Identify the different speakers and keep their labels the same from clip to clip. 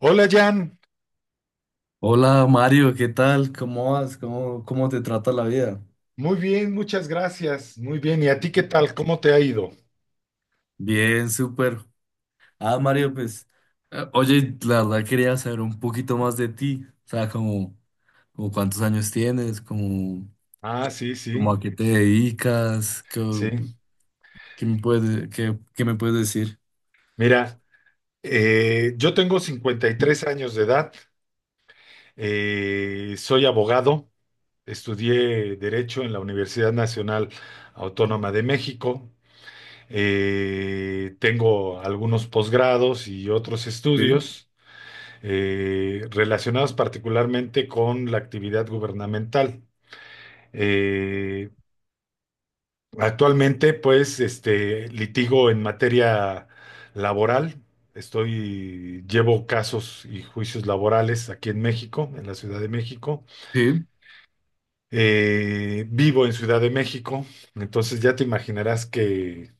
Speaker 1: Hola Jan,
Speaker 2: Hola Mario, ¿qué tal? ¿Cómo vas? ¿Cómo te trata la vida?
Speaker 1: muy bien, muchas gracias, muy bien. ¿Y a ti qué tal? ¿Cómo te ha ido?
Speaker 2: Bien, súper. Ah, Mario, pues, oye, la verdad quería saber un poquito más de ti, o sea, como, como cuántos años tienes, como,
Speaker 1: Ah, sí,
Speaker 2: como
Speaker 1: sí,
Speaker 2: a qué te dedicas, qué,
Speaker 1: sí.
Speaker 2: qué me puedes, qué, qué me puedes decir.
Speaker 1: Mira, yo tengo 53 años de edad, soy abogado, estudié Derecho en la Universidad Nacional Autónoma de México, tengo algunos posgrados y otros
Speaker 2: Sí.
Speaker 1: estudios relacionados particularmente con la actividad gubernamental. Eh, Actualmente, pues, litigo en materia laboral. Llevo casos y juicios laborales aquí en México, en la Ciudad de México.
Speaker 2: Sí.
Speaker 1: Vivo en Ciudad de México, entonces ya te imaginarás que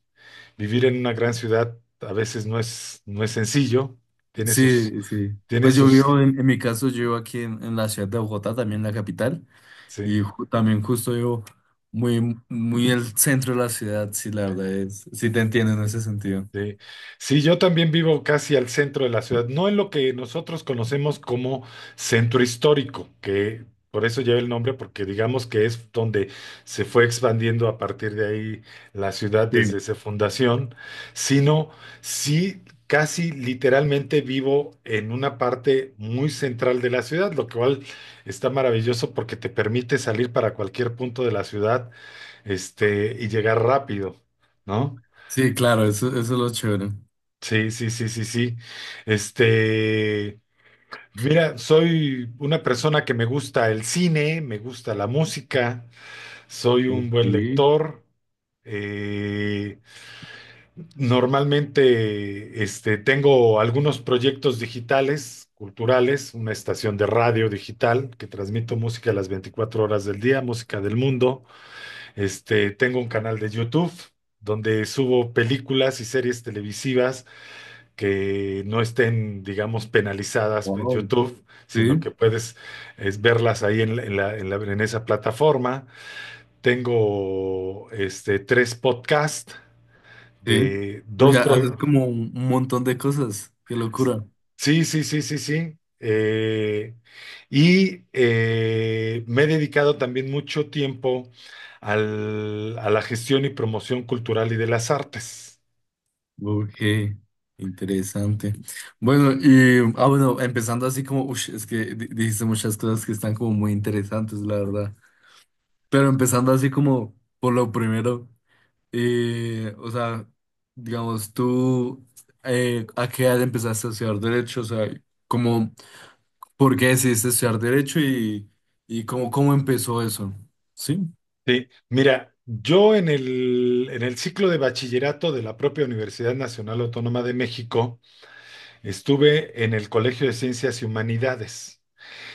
Speaker 1: vivir en una gran ciudad a veces no es, no es sencillo. Tiene sus,
Speaker 2: Sí, sí.
Speaker 1: tiene
Speaker 2: Pues yo
Speaker 1: sus.
Speaker 2: vivo, en mi caso, yo vivo aquí en la ciudad de Bogotá, también la capital,
Speaker 1: Sí.
Speaker 2: y también justo yo muy, muy el centro de la ciudad, sí, la verdad es, sí te entiendo en ese sentido.
Speaker 1: Sí. Sí, yo también vivo casi al centro de la ciudad, no en lo que nosotros conocemos como centro histórico, que por eso lleva el nombre, porque digamos que es donde se fue expandiendo a partir de ahí la ciudad
Speaker 2: Sí.
Speaker 1: desde su fundación, sino sí casi literalmente vivo en una parte muy central de la ciudad, lo cual está maravilloso porque te permite salir para cualquier punto de la ciudad, y llegar rápido, ¿no?
Speaker 2: Sí, claro, eso es lo chévere.
Speaker 1: Sí, sí, sí, sí, sí. Este, Mira, soy una persona que me gusta el cine, me gusta la música, soy un
Speaker 2: Ok,
Speaker 1: buen lector. Eh, Normalmente, tengo algunos proyectos digitales, culturales, una estación de radio digital que transmito música a las 24 horas del día, música del mundo. Tengo un canal de YouTube donde subo películas y series televisivas que no estén, digamos, penalizadas en
Speaker 2: wow.
Speaker 1: YouTube, sino que
Speaker 2: Sí,
Speaker 1: puedes verlas ahí en esa plataforma. Tengo tres podcasts
Speaker 2: sí.
Speaker 1: de
Speaker 2: Uy,
Speaker 1: dos
Speaker 2: ya haces
Speaker 1: pro-
Speaker 2: como un montón de cosas, qué locura.
Speaker 1: sí, sí, sí, sí, sí. Y me he dedicado también mucho tiempo a la gestión y promoción cultural y de las artes.
Speaker 2: Ok, interesante. Bueno, y, ah, bueno, empezando así como, ush, es que dijiste muchas cosas que están como muy interesantes, la verdad. Pero empezando así como por lo primero, o sea, digamos, tú, ¿a qué edad empezaste a estudiar derecho? O sea, como, ¿por qué decidiste estudiar derecho y cómo, cómo empezó eso? ¿Sí?
Speaker 1: Sí, mira, yo en el ciclo de bachillerato de la propia Universidad Nacional Autónoma de México estuve en el Colegio de Ciencias y Humanidades.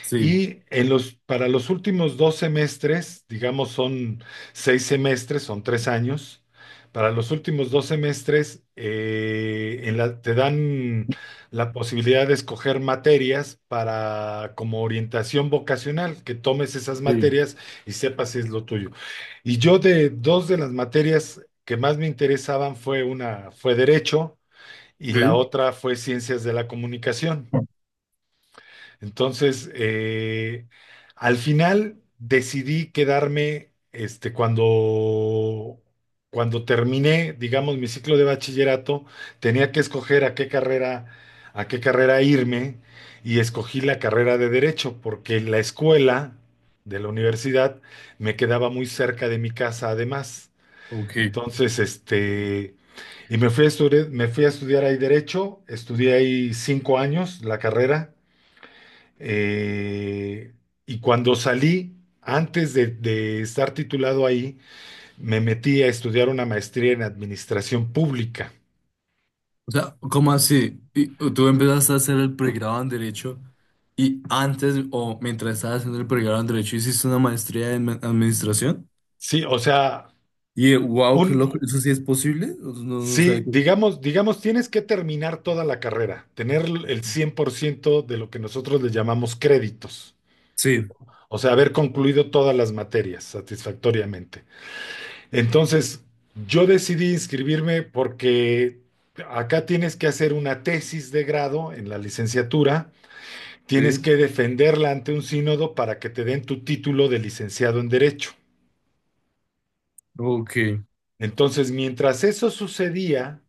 Speaker 2: Sí,
Speaker 1: Y en los, para los últimos 2 semestres, digamos son 6 semestres, son 3 años, para los últimos dos semestres te dan la posibilidad de escoger materias para como orientación vocacional, que tomes esas
Speaker 2: sí,
Speaker 1: materias y sepas si es lo tuyo. Y yo de dos de las materias que más me interesaban fue derecho y la
Speaker 2: sí.
Speaker 1: otra fue ciencias de la comunicación. Entonces, al final decidí quedarme, cuando terminé, digamos, mi ciclo de bachillerato, tenía que escoger a qué carrera, irme y escogí la carrera de Derecho porque la escuela de la universidad me quedaba muy cerca de mi casa además.
Speaker 2: Ok.
Speaker 1: Entonces, y me fui a estudiar ahí Derecho, estudié ahí 5 años la carrera. Eh, y cuando salí, antes de estar titulado ahí, me metí a estudiar una maestría en administración pública.
Speaker 2: O sea, ¿cómo así? Y tú empezaste a hacer el pregrado en derecho y antes o mientras estabas haciendo el pregrado en derecho hiciste una maestría en administración.
Speaker 1: Sí, o sea,
Speaker 2: Y wow,
Speaker 1: un,
Speaker 2: qué loco, ¿eso sí es posible? No, no
Speaker 1: sí,
Speaker 2: sé.
Speaker 1: digamos, tienes que terminar toda la carrera, tener el 100% de lo que nosotros le llamamos créditos,
Speaker 2: Sí,
Speaker 1: o sea, haber concluido todas las materias satisfactoriamente. Entonces, yo decidí inscribirme porque acá tienes que hacer una tesis de grado en la licenciatura. Tienes
Speaker 2: sí,
Speaker 1: que defenderla ante un sínodo para que te den tu título de licenciado en Derecho.
Speaker 2: ok,
Speaker 1: Entonces, mientras eso sucedía,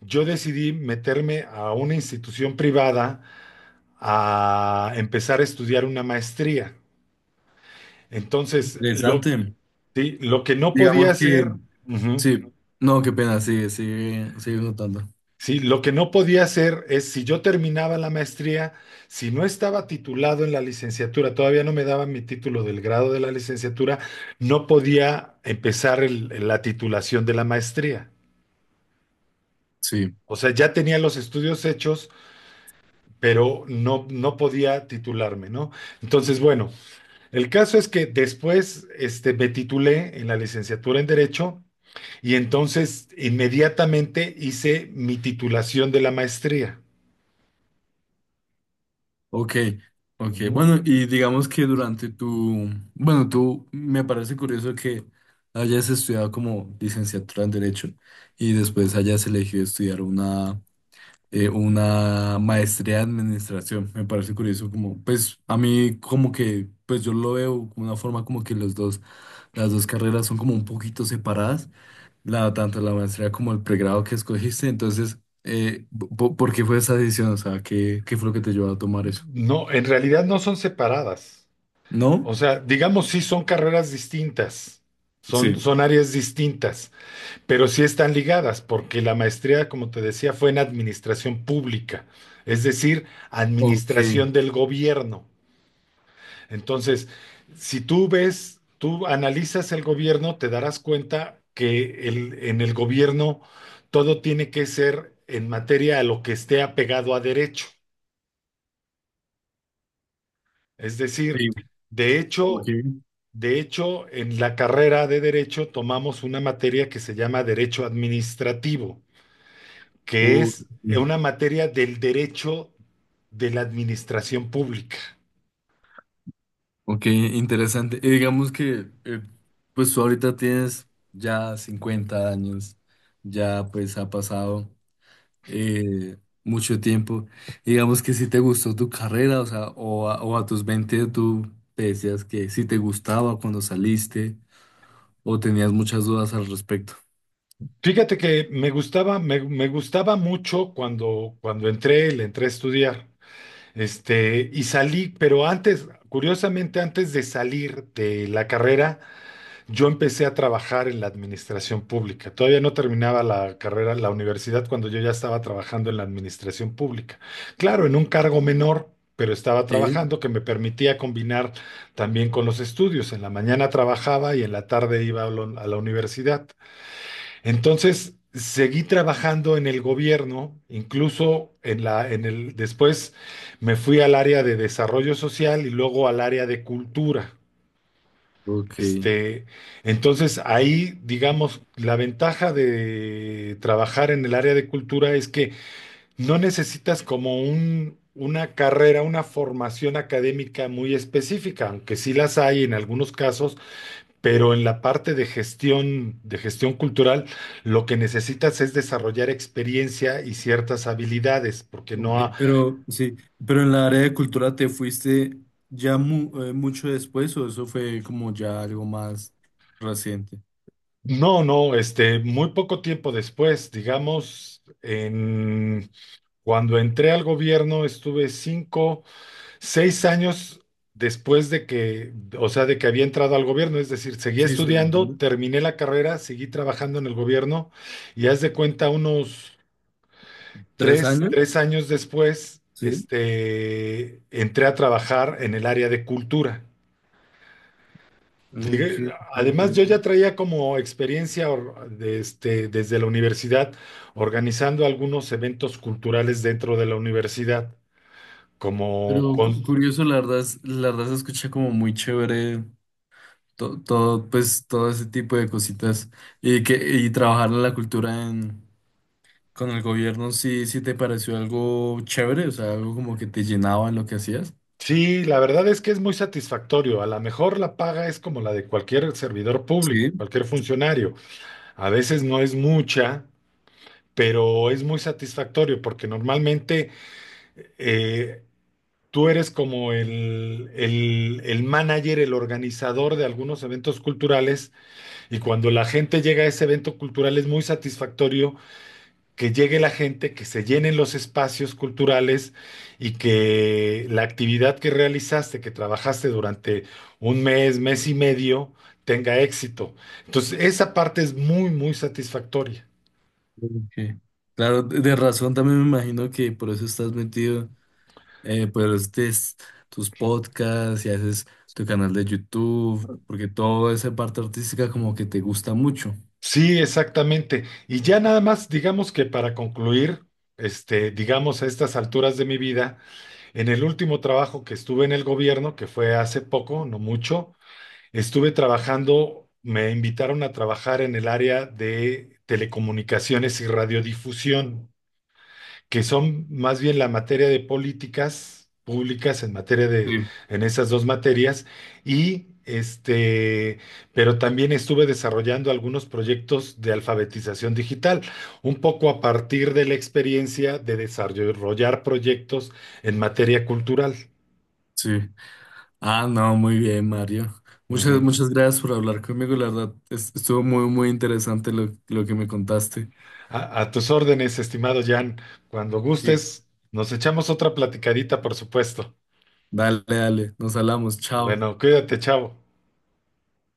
Speaker 1: yo decidí meterme a una institución privada a empezar a estudiar una maestría. Entonces,
Speaker 2: interesante.
Speaker 1: sí, lo que no podía
Speaker 2: Digamos que,
Speaker 1: hacer. Ujú.
Speaker 2: sí, no, qué pena, sigue, sigue, sigue notando.
Speaker 1: Sí, lo que no podía hacer es, si yo terminaba la maestría, si no estaba titulado en la licenciatura, todavía no me daban mi título del grado de la licenciatura, no podía empezar la titulación de la maestría.
Speaker 2: Sí,
Speaker 1: O sea, ya tenía los estudios hechos, pero no, no podía titularme, ¿no? Entonces, bueno, el caso es que después me titulé en la licenciatura en Derecho y entonces inmediatamente hice mi titulación de la maestría.
Speaker 2: ok, ok.
Speaker 1: Ujú.
Speaker 2: Bueno, y digamos que durante tu, bueno, tú me parece curioso que hayas estudiado como licenciatura en Derecho y después hayas elegido estudiar una maestría en Administración. Me parece curioso como, pues a mí como que, pues yo lo veo como una forma como que los dos, las dos carreras son como un poquito separadas la, tanto la maestría como el pregrado que escogiste. Entonces, eh, ¿por qué fue esa decisión? O sea, ¿qué, qué fue lo que te llevó a tomar eso?
Speaker 1: No, en realidad no son separadas.
Speaker 2: ¿No?
Speaker 1: O sea, digamos, sí son carreras distintas, son,
Speaker 2: Sí.
Speaker 1: son áreas distintas, pero sí están ligadas, porque la maestría, como te decía, fue en administración pública, es decir,
Speaker 2: Ok,
Speaker 1: administración del gobierno. Entonces, si tú ves, tú analizas el gobierno, te darás cuenta que en el gobierno todo tiene que ser en materia a lo que esté apegado a derecho. Es decir,
Speaker 2: sí,
Speaker 1: de
Speaker 2: ok.
Speaker 1: hecho, de hecho, en la carrera de Derecho tomamos una materia que se llama Derecho Administrativo, que
Speaker 2: Uh,
Speaker 1: es una materia del derecho de la administración pública.
Speaker 2: ok, interesante. Y digamos que, pues tú ahorita tienes ya 50 años, ya pues ha pasado eh, mucho tiempo. Y digamos que si te gustó tu carrera, o sea, o a tus 20 tú te decías que si te gustaba cuando saliste. ¿O tenías muchas dudas al respecto?
Speaker 1: Fíjate que me gustaba, me gustaba mucho cuando, entré, le entré a estudiar, y salí, pero antes, curiosamente, antes de salir de la carrera, yo empecé a trabajar en la administración pública. Todavía no terminaba la carrera, la universidad, cuando yo ya estaba trabajando en la administración pública. Claro, en un cargo menor, pero estaba
Speaker 2: Sí,
Speaker 1: trabajando que me permitía combinar también con los estudios. En la mañana trabajaba y en la tarde iba a la universidad. Entonces, seguí trabajando en el gobierno, incluso en la, en el, después me fui al área de desarrollo social y luego al área de cultura.
Speaker 2: Ok.
Speaker 1: Este, entonces ahí, digamos, la ventaja de trabajar en el área de cultura es que no necesitas como una carrera, una formación académica muy específica, aunque sí las hay en algunos casos, pero en la parte de gestión cultural, lo que necesitas es desarrollar experiencia y ciertas habilidades, porque
Speaker 2: Ok,
Speaker 1: no,
Speaker 2: pero sí, pero en la área de cultura te fuiste ya mucho después o eso fue como ya algo más reciente.
Speaker 1: no, no. Muy poco tiempo después, digamos, en Cuando entré al gobierno estuve 5, 6 años después de que, o sea, de que había entrado al gobierno, es decir, seguí
Speaker 2: Sí, sí,
Speaker 1: estudiando,
Speaker 2: entiendo.
Speaker 1: terminé la carrera, seguí trabajando en el gobierno y haz de cuenta unos
Speaker 2: ¿Tres
Speaker 1: tres,
Speaker 2: años?
Speaker 1: tres años después,
Speaker 2: Sí,
Speaker 1: entré a trabajar en el área de cultura.
Speaker 2: ok,
Speaker 1: Además, yo
Speaker 2: entiendo.
Speaker 1: ya traía como experiencia desde la universidad organizando algunos eventos culturales dentro de la universidad como
Speaker 2: Pero
Speaker 1: con-
Speaker 2: curioso, la verdad, la verdad se escucha como muy chévere todo, pues todo ese tipo de cositas y que y trabajar en la cultura en con el gobierno sí, sí te pareció algo chévere, o sea, algo como que te llenaba en lo que hacías.
Speaker 1: sí, la verdad es que es muy satisfactorio. A lo mejor la paga es como la de cualquier servidor público,
Speaker 2: Sí.
Speaker 1: cualquier funcionario. A veces no es mucha, pero es muy satisfactorio porque normalmente eh, tú eres como el manager, el organizador de algunos eventos culturales y cuando la gente llega a ese evento cultural es muy satisfactorio que llegue la gente, que se llenen los espacios culturales y que la actividad que realizaste, que trabajaste durante un mes, mes y medio, tenga éxito. Entonces, esa parte es muy, muy satisfactoria.
Speaker 2: Ok. Claro, de razón también me imagino que por eso estás metido, pues tus podcasts y haces tu canal de YouTube, porque toda esa parte artística como que te gusta mucho.
Speaker 1: Sí, exactamente. Y ya nada más, digamos que para concluir, digamos a estas alturas de mi vida, en el último trabajo que estuve en el gobierno, que fue hace poco, no mucho, me invitaron a trabajar en el área de telecomunicaciones y radiodifusión, que son más bien la materia de políticas públicas en materia de,
Speaker 2: Sí.
Speaker 1: en esas dos materias, y pero también estuve desarrollando algunos proyectos de alfabetización digital, un poco a partir de la experiencia de desarrollar proyectos en materia cultural.
Speaker 2: Sí. Ah, no, muy bien, Mario. Muchas,
Speaker 1: Ujú.
Speaker 2: muchas gracias por hablar conmigo, la verdad, estuvo muy, muy interesante lo que me contaste.
Speaker 1: A tus órdenes, estimado Jan. Cuando
Speaker 2: Sí.
Speaker 1: gustes, nos echamos otra platicadita, por supuesto.
Speaker 2: Dale, dale, nos hablamos, chao.
Speaker 1: Bueno, cuídate, chavo.